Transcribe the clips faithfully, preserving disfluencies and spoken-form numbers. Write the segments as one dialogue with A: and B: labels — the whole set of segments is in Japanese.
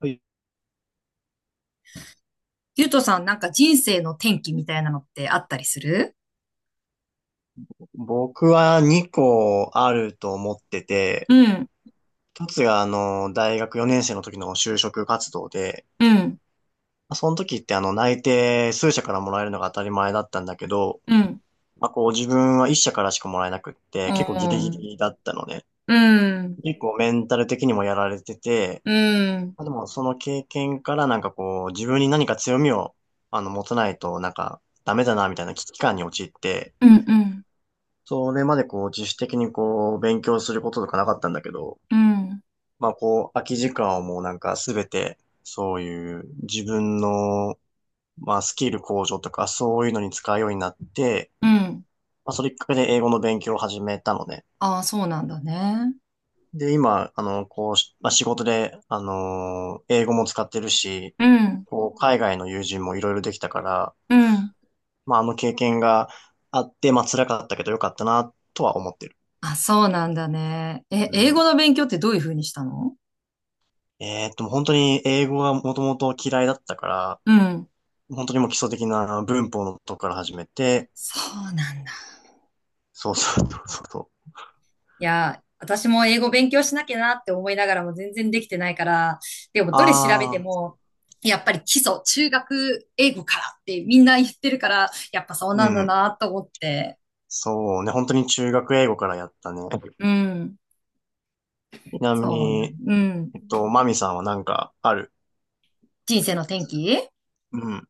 A: はい。
B: ゆうとさん、なんか人生の転機みたいなのってあったりする？
A: 僕はにこあると思ってて、
B: うん、
A: 一つがあの、大学よねん生の時の就職活動で、
B: うん、
A: まあその時ってあの、内定数社からもらえるのが当たり前だったんだけど、
B: うん、
A: まあこう自分はいっ社からしかもらえなくっ
B: う
A: て、結構ギリギ
B: ん、
A: リだったのね。
B: うん、うん、
A: 結構メンタル的にもやられてて、
B: うん、
A: まあでもその経験からなんかこう、自分に何か強みをあの、持たないとなんかダメだなみたいな危機感に陥って、
B: うん、
A: それまでこう、自主的にこう、勉強することとかなかったんだけど、
B: うん、
A: まあこう、空き時間をもうなんかすべて、そういう自分の、まあスキル向上とかそういうのに使うようになって、
B: うん、
A: まあそれきっかけで英語の勉強を始めたのね。
B: ああ、そうなんだね。
A: で、今、あの、こうし、まあ仕事で、あの、英語も使ってるし、
B: うん、
A: こう、海外の友人もいろいろできたから、
B: うん、
A: まああの経験があって、まあ辛かったけどよかったな、とは思ってる。
B: あ、そうなんだね。え、
A: う
B: 英語
A: ん。
B: の勉強ってどういうふうにしたの？
A: えーっと、本当に英語がもともと嫌いだったから、
B: うん。
A: 本当にもう基礎的な文法のとこから始めて、
B: そうなんだ。
A: そうそうそうそうそう。
B: いや、私も英語勉強しなきゃなって思いながらも全然できてないから、でもどれ調べて
A: ああ、
B: も、やっぱり基礎、中学英語からってみんな言ってるから、やっぱそう
A: う
B: なんだ
A: ん。
B: なと思って。
A: そうね、本当に中学英語からやったね。
B: うん。
A: ちなみ
B: そうなん、
A: に、
B: うん。
A: えっと、マミさんはなんかある。
B: 人生の転機？
A: うん。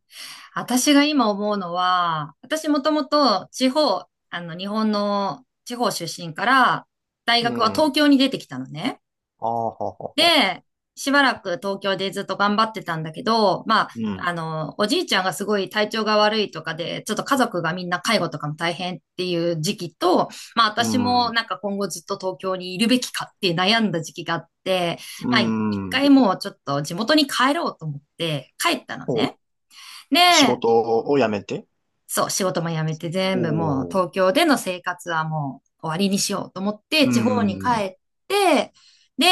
B: 私が今思うのは、私もともと地方、あの、日本の地方出身から、大
A: う
B: 学は
A: ん。
B: 東
A: あ
B: 京に出てきたのね。
A: あ、ははは。
B: で、しばらく東京でずっと頑張ってたんだけど、まあ、
A: うん。
B: あの、おじいちゃんがすごい体調が悪いとかで、ちょっと家族がみんな介護とかも大変っていう時期と、まあ
A: う
B: 私も
A: ん。
B: なんか今後ずっと東京にいるべきかって悩んだ時期があって、
A: う
B: まあ一
A: ん。
B: 回もうちょっと地元に帰ろうと思って帰ったの
A: お、
B: ね。
A: 仕
B: で、
A: 事を辞めて。
B: そう、仕事も辞めて
A: お
B: 全部もう
A: おー。
B: 東京での生活はもう終わりにしようと思って
A: う
B: 地方に帰
A: ん。
B: って、で、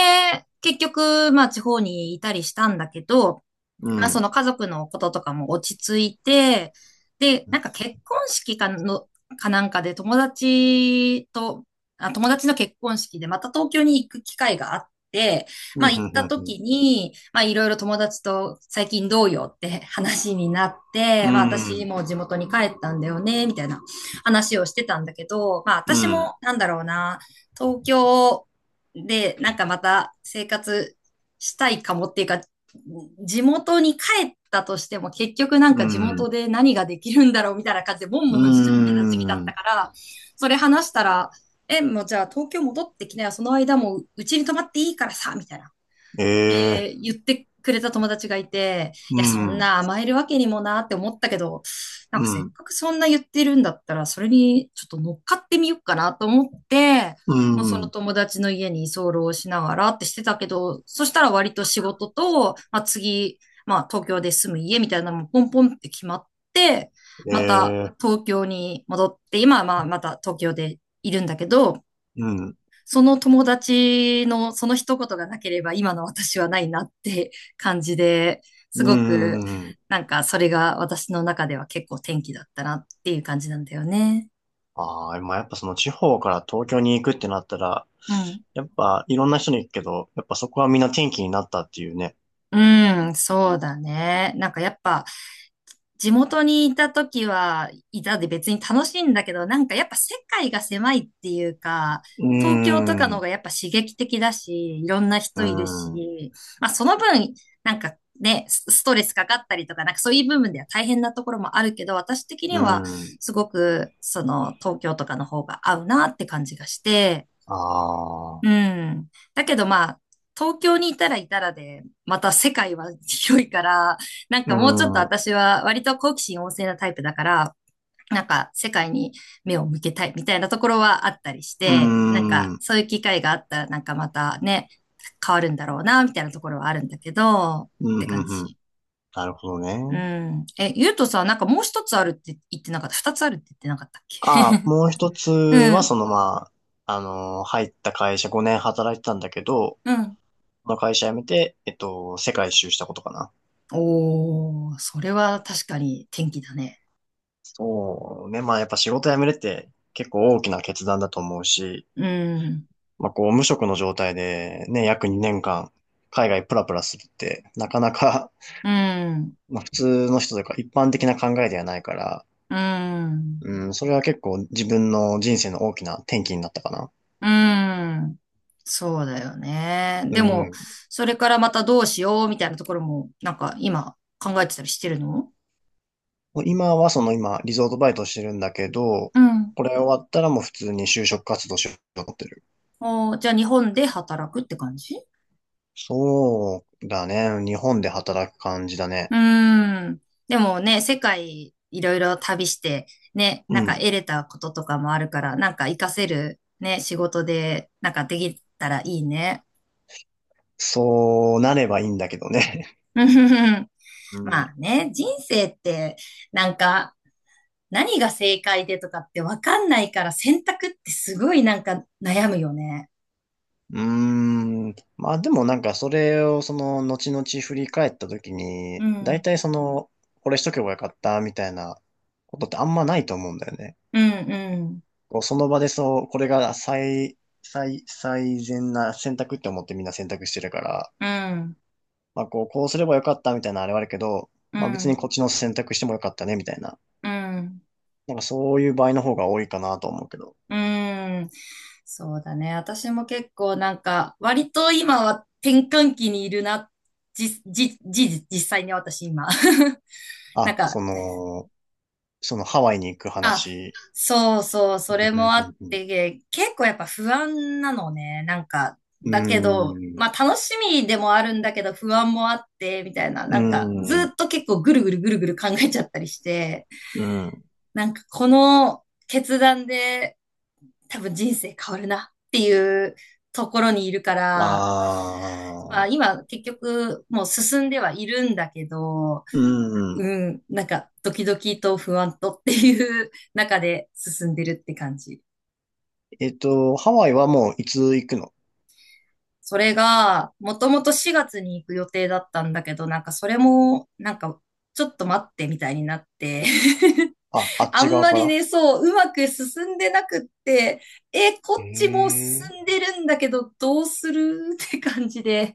B: 結局、まあ地方にいたりしたんだけど、
A: う
B: まあそ
A: ん。
B: の家族のこととかも落ち着いて、で、
A: うん。
B: なんか結婚式かの、かなんかで友達と、あ、友達の結婚式でまた東京に行く機会があって、
A: うん。
B: まあ行った
A: うん。
B: 時に、まあいろいろ友達と最近どうよって話になっ
A: う
B: て、まあ私
A: ん。
B: も地元に帰ったんだよね、みたいな話をしてたんだけど、まあ
A: う
B: 私
A: ん。う
B: も
A: ん。
B: なんだろうな、東京でなんかまた生活したいかもっていうか、地元に帰ったとしても結局なん
A: う
B: か地元
A: ん。
B: で何ができるんだろうみたいな感じでボン
A: うー
B: ボンしちゃってた時期だった
A: ん。
B: から、それ話したら、え、もうじゃあ東京戻ってきなよ、その間もううちに泊まっていいからさ、みたいな。っ
A: ええ。
B: て言ってくれた友達がいて、
A: う
B: いや、そん
A: ん。う
B: な甘えるわけにもなって思ったけど、なんかせっ
A: ん。
B: かくそんな言ってるんだったら、それにちょっと乗っかってみようかなと思って、
A: う
B: まあ、その
A: ん。
B: 友達の家に居候しながらってしてたけど、そしたら割と仕事と、まあ、次、まあ東京で住む家みたいなのもポンポンって決まって、
A: え
B: また
A: え。
B: 東京に戻って、今はまあまた東京でいるんだけど、
A: うん。
B: その友達のその一言がなければ今の私はないなって感じで、す
A: う
B: ごく
A: ん。
B: なんかそれが私の中では結構転機だったなっていう感じなんだよね。
A: ああ、まあ、やっぱその地方から東京に行くってなったら、
B: うん。
A: やっぱいろんな人に行くけど、やっぱそこはみんな転機になったっていうね。
B: うん、そうだね。なんかやっぱ地元にいた時は、いたで別に楽しいんだけど、なんかやっぱ世界が狭いっていうか、
A: うー
B: 東京とか
A: ん。
B: の方
A: う
B: がやっぱ刺激的だし、いろんな
A: ー
B: 人いる
A: ん。う
B: し、まあその分、なんかね、スストレスかかったりとか、なんかそういう部分では大変なところもあるけど、私的に
A: ー
B: は
A: ん。
B: すごくその東京とかの方が合うなって感じがして、
A: あ
B: う
A: あ。
B: ん。だけどまあ、東京にいたらいたらで、また世界は広いから、なん
A: うー
B: かもうちょっと
A: ん。う
B: 私は割と好奇心旺盛なタイプだから、なんか世界に目を向けたいみたいなところはあったりし
A: ー
B: て、なん
A: ん。
B: か
A: うん。
B: そういう機会があったらなんかまたね、変わるんだろうな、みたいなところはあるんだけど、っ
A: うん。
B: て感
A: うん。
B: じ。
A: なるほど
B: う
A: ね。
B: ん。え、ゆうとさ、なんかもう一つあるって言ってなかった？二つあるって言ってなかったっけ？
A: ああ、もう一つ
B: う
A: は、
B: ん。
A: そのまあ、あのー入った会社ごねん働いてたんだけど、
B: うん。
A: この会社辞めて、えっと、世界一周したことかな。
B: おー、それは確かに天気だね。
A: そうね。まあやっぱ仕事辞めるって結構大きな決断だと思うし、
B: うん、
A: まあこう無職の状態でね、約にねんかん海外プラプラするってなかなか、
B: うん、
A: まあ普通の人というか一般的な考えではないから、
B: うん、
A: うん、それは結構自分の人生の大きな転機になったかな。
B: うん。そうだよね。
A: う
B: でも、
A: ん。
B: それからまたどうしようみたいなところも、なんか今考えてたりしてるの？
A: 今はその今リゾートバイトしてるんだけど、
B: うん。
A: これ終わったらもう普通に就職活動しようと思ってる。
B: おー、じゃあ日本で働くって感じ？
A: そうだね。日本で働く感じだね。
B: うーん。でもね、世界いろいろ旅して、ね、
A: う
B: なんか
A: ん。
B: 得れたこととかもあるから、なんか活かせるね、仕事で、なんかできたらいいね。
A: そうなればいいんだけどね。
B: うんふふふ。
A: う
B: ま
A: ん。
B: あ ね、人生って、なんか、何が正解でとかってわかんないから選択ってすごいなんか悩むよね。
A: うーん。まあでもなんかそれをその後々振り返った時
B: う
A: に、大
B: ん、
A: 体その、これしとけばよかったみたいなことってあんまないと思うんだよね。
B: うん、うん、
A: こうその場でそう、これが最、最、最善な選択って思ってみんな選択してるから、
B: うん、
A: まあこう、こうすればよかったみたいなのあれはあるけど、
B: う
A: まあ別に
B: ん、
A: こっちの選択してもよかったねみたいな。
B: うん。
A: なんかそういう場合の方が多いかなと思うけど。
B: うん、そうだね。私も結構なんか割と今は転換期にいるな。じ、じ、じ、実際に私今。なん
A: あ、
B: か、
A: その、そのハワイに行く
B: あ、
A: 話。
B: そうそう、
A: う
B: それ
A: ん
B: もあ
A: う
B: っ
A: んうん
B: て、結構やっぱ不安なのね。なんか、
A: う
B: だけど、
A: ん。う
B: まあ楽しみでもあるんだけど不安もあって、みたいな、
A: ー
B: なんかず
A: ん。
B: っと結構ぐるぐるぐるぐる考えちゃったりして、
A: うん。
B: なんかこの決断で多分人生変わるなっていうところにいるから、まあ
A: ああ。
B: 今結局もう進んではいるんだけど、
A: うん。
B: うん、なんかドキドキと不安とっていう中で進んでるって感じ。
A: えっと、ハワイはもういつ行くの。
B: それが、もともとしがつに行く予定だったんだけど、なんかそれも、なんか、ちょっと待ってみたいになって、
A: あ、あ っ
B: あ
A: ち
B: ん
A: 側
B: ま
A: か
B: り
A: ら。
B: ね、そう、うまく進んでなくって、え、
A: え
B: こっちもう
A: えー。
B: 進んでるんだけど、どうするって感じで、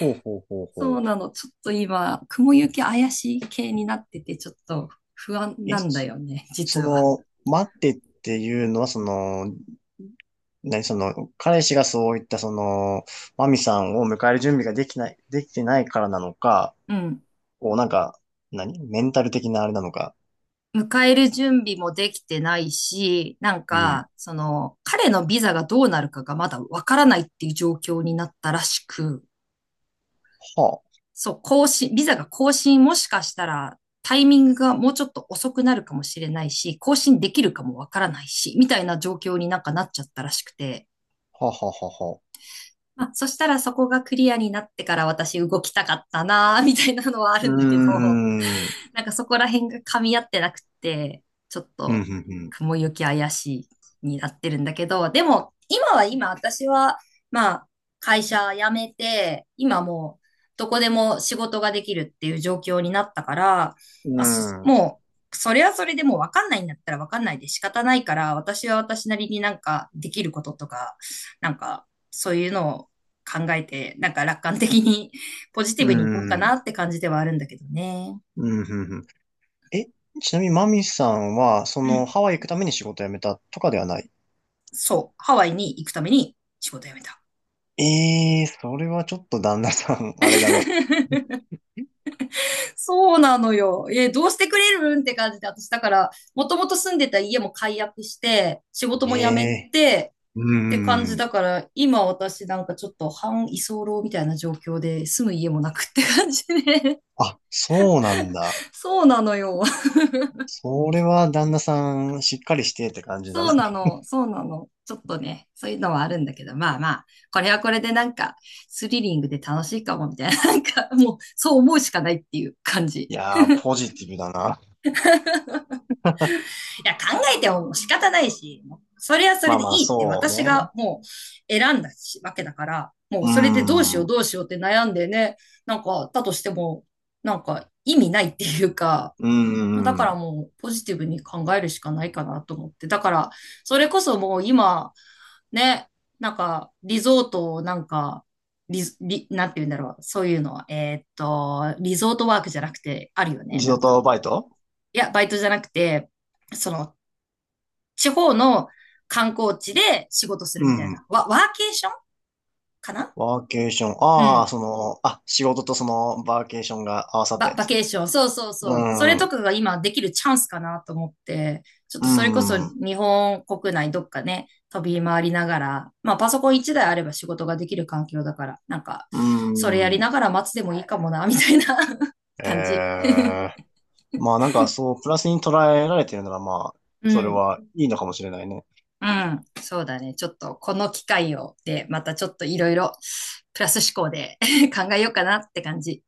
A: ほうほうほうほ
B: そう
A: う。
B: なの、ちょっと今、雲行き怪しい系になってて、ちょっと不安
A: え、
B: なんだ
A: そ
B: よね、実
A: そ
B: は。
A: の、待ってっていうのは、その、何その、彼氏がそういった、その、マミさんを迎える準備ができない、できてないからなのか、
B: うん。
A: こう、なんか、何メンタル的なあれなのか。
B: 迎える準備もできてないし、なん
A: うん。
B: か、
A: は
B: その、彼のビザがどうなるかがまだわからないっていう状況になったらしく、
A: あ、は
B: そう、更新、ビザが更新もしかしたらタイミングがもうちょっと遅くなるかもしれないし、更新できるかもわからないし、みたいな状況になんかなっちゃったらしくて、
A: あ、はあ、はあ、は。
B: まあ、そしたらそこがクリアになってから私動きたかったなーみたいなのはあ
A: う
B: るん
A: ー
B: だけど、
A: ん、うん、
B: なんかそこら辺が噛み合ってなくて、ちょっ
A: う
B: と
A: ん、
B: 雲行き怪しいになってるんだけど、でも今は今私は、まあ会社辞めて、今もうどこでも仕事ができるっていう状況になったから、
A: う
B: まあ、そ
A: ん、うん、
B: もうそれはそれでもうわかんないんだったらわかんないで仕方ないから、私は私なりになんかできることとか、なんかそういうのを考えて、なんか楽観的にポジティ
A: う
B: ブにいこうかな
A: ん、
B: って感じではあるんだけどね。
A: うん。うん。え、ちなみにマミさんは、そ
B: う
A: の、
B: ん。
A: ハワイ行くために仕事辞めたとかではない。
B: そう、ハワイに行くために仕事辞めた。
A: ええー、それはちょっと旦那さん、あれだね。
B: そうなのよ。え、どうしてくれるんって感じで、私だから、もともと住んでた家も解約して、仕事
A: え
B: も辞め
A: え。
B: て、
A: う
B: って感
A: ん。うー
B: じ
A: ん。
B: だから、今私なんかちょっと半居候みたいな状況で、住む家もなくって感じね。
A: あ、そうなんだ。
B: そうなのよ。
A: それは旦那さん、しっかりしてって感じだ
B: そう
A: な。
B: なの、そうなの。ちょっとね、そういうのはあるんだけど、まあまあ、これはこれでなんか、スリリングで楽しいかも、みたいな、なんか、もう、そう思うしかないっていう感じ。
A: いやー、ポジティブだな。
B: や、考えても仕方ないし、それはそ
A: ま
B: れ
A: あ
B: で
A: まあ、
B: いいって
A: そう
B: 私が
A: ね。
B: もう選んだしわけだから、も
A: う
B: う
A: ー
B: それでどうし
A: ん。
B: よ
A: う
B: うどうしようって悩んでね、なんか、だとしても、なんか意味ないっていうか、
A: ー
B: だか
A: ん。
B: らもうポジティブに考えるしかないかなと思って。だから、それこそもう今、ね、なんか、リゾートをなんか、リゾ、リ、なんて言うんだろう。そういうのは、えーっと、リゾートワークじゃなくて、あるよね、
A: リ
B: な
A: ゾー
B: んか。
A: トバイト。
B: いや、バイトじゃなくて、その、地方の観光地で仕事する
A: う
B: みたいな。
A: ん。
B: ワ、ワーケーションかな？
A: ワーケーション。
B: う
A: ああ、
B: ん。
A: その、あ、仕事とその、バーケーションが合わさった
B: バ、
A: や
B: バケ
A: つ。
B: ーション。そうそう
A: う
B: そう。それ
A: ん。
B: と
A: う
B: かが今できるチャンスかなと思って、ちょっ
A: ん。
B: とそれこそ
A: う
B: 日本国内どっかね、飛び回りながら、まあパソコンいちだいあれば仕事ができる環境だから、なんか、それやり
A: ん。
B: ながら待つでもいいかもな、みたいな 感じ。
A: ええ。まあなんかそう、プラスに捉えられてるならまあ、
B: う
A: それ
B: ん。
A: はいいのかもしれないね。
B: うん。そうだね。ちょっとこの機会をで、またちょっといろいろプラス思考で 考えようかなって感じ。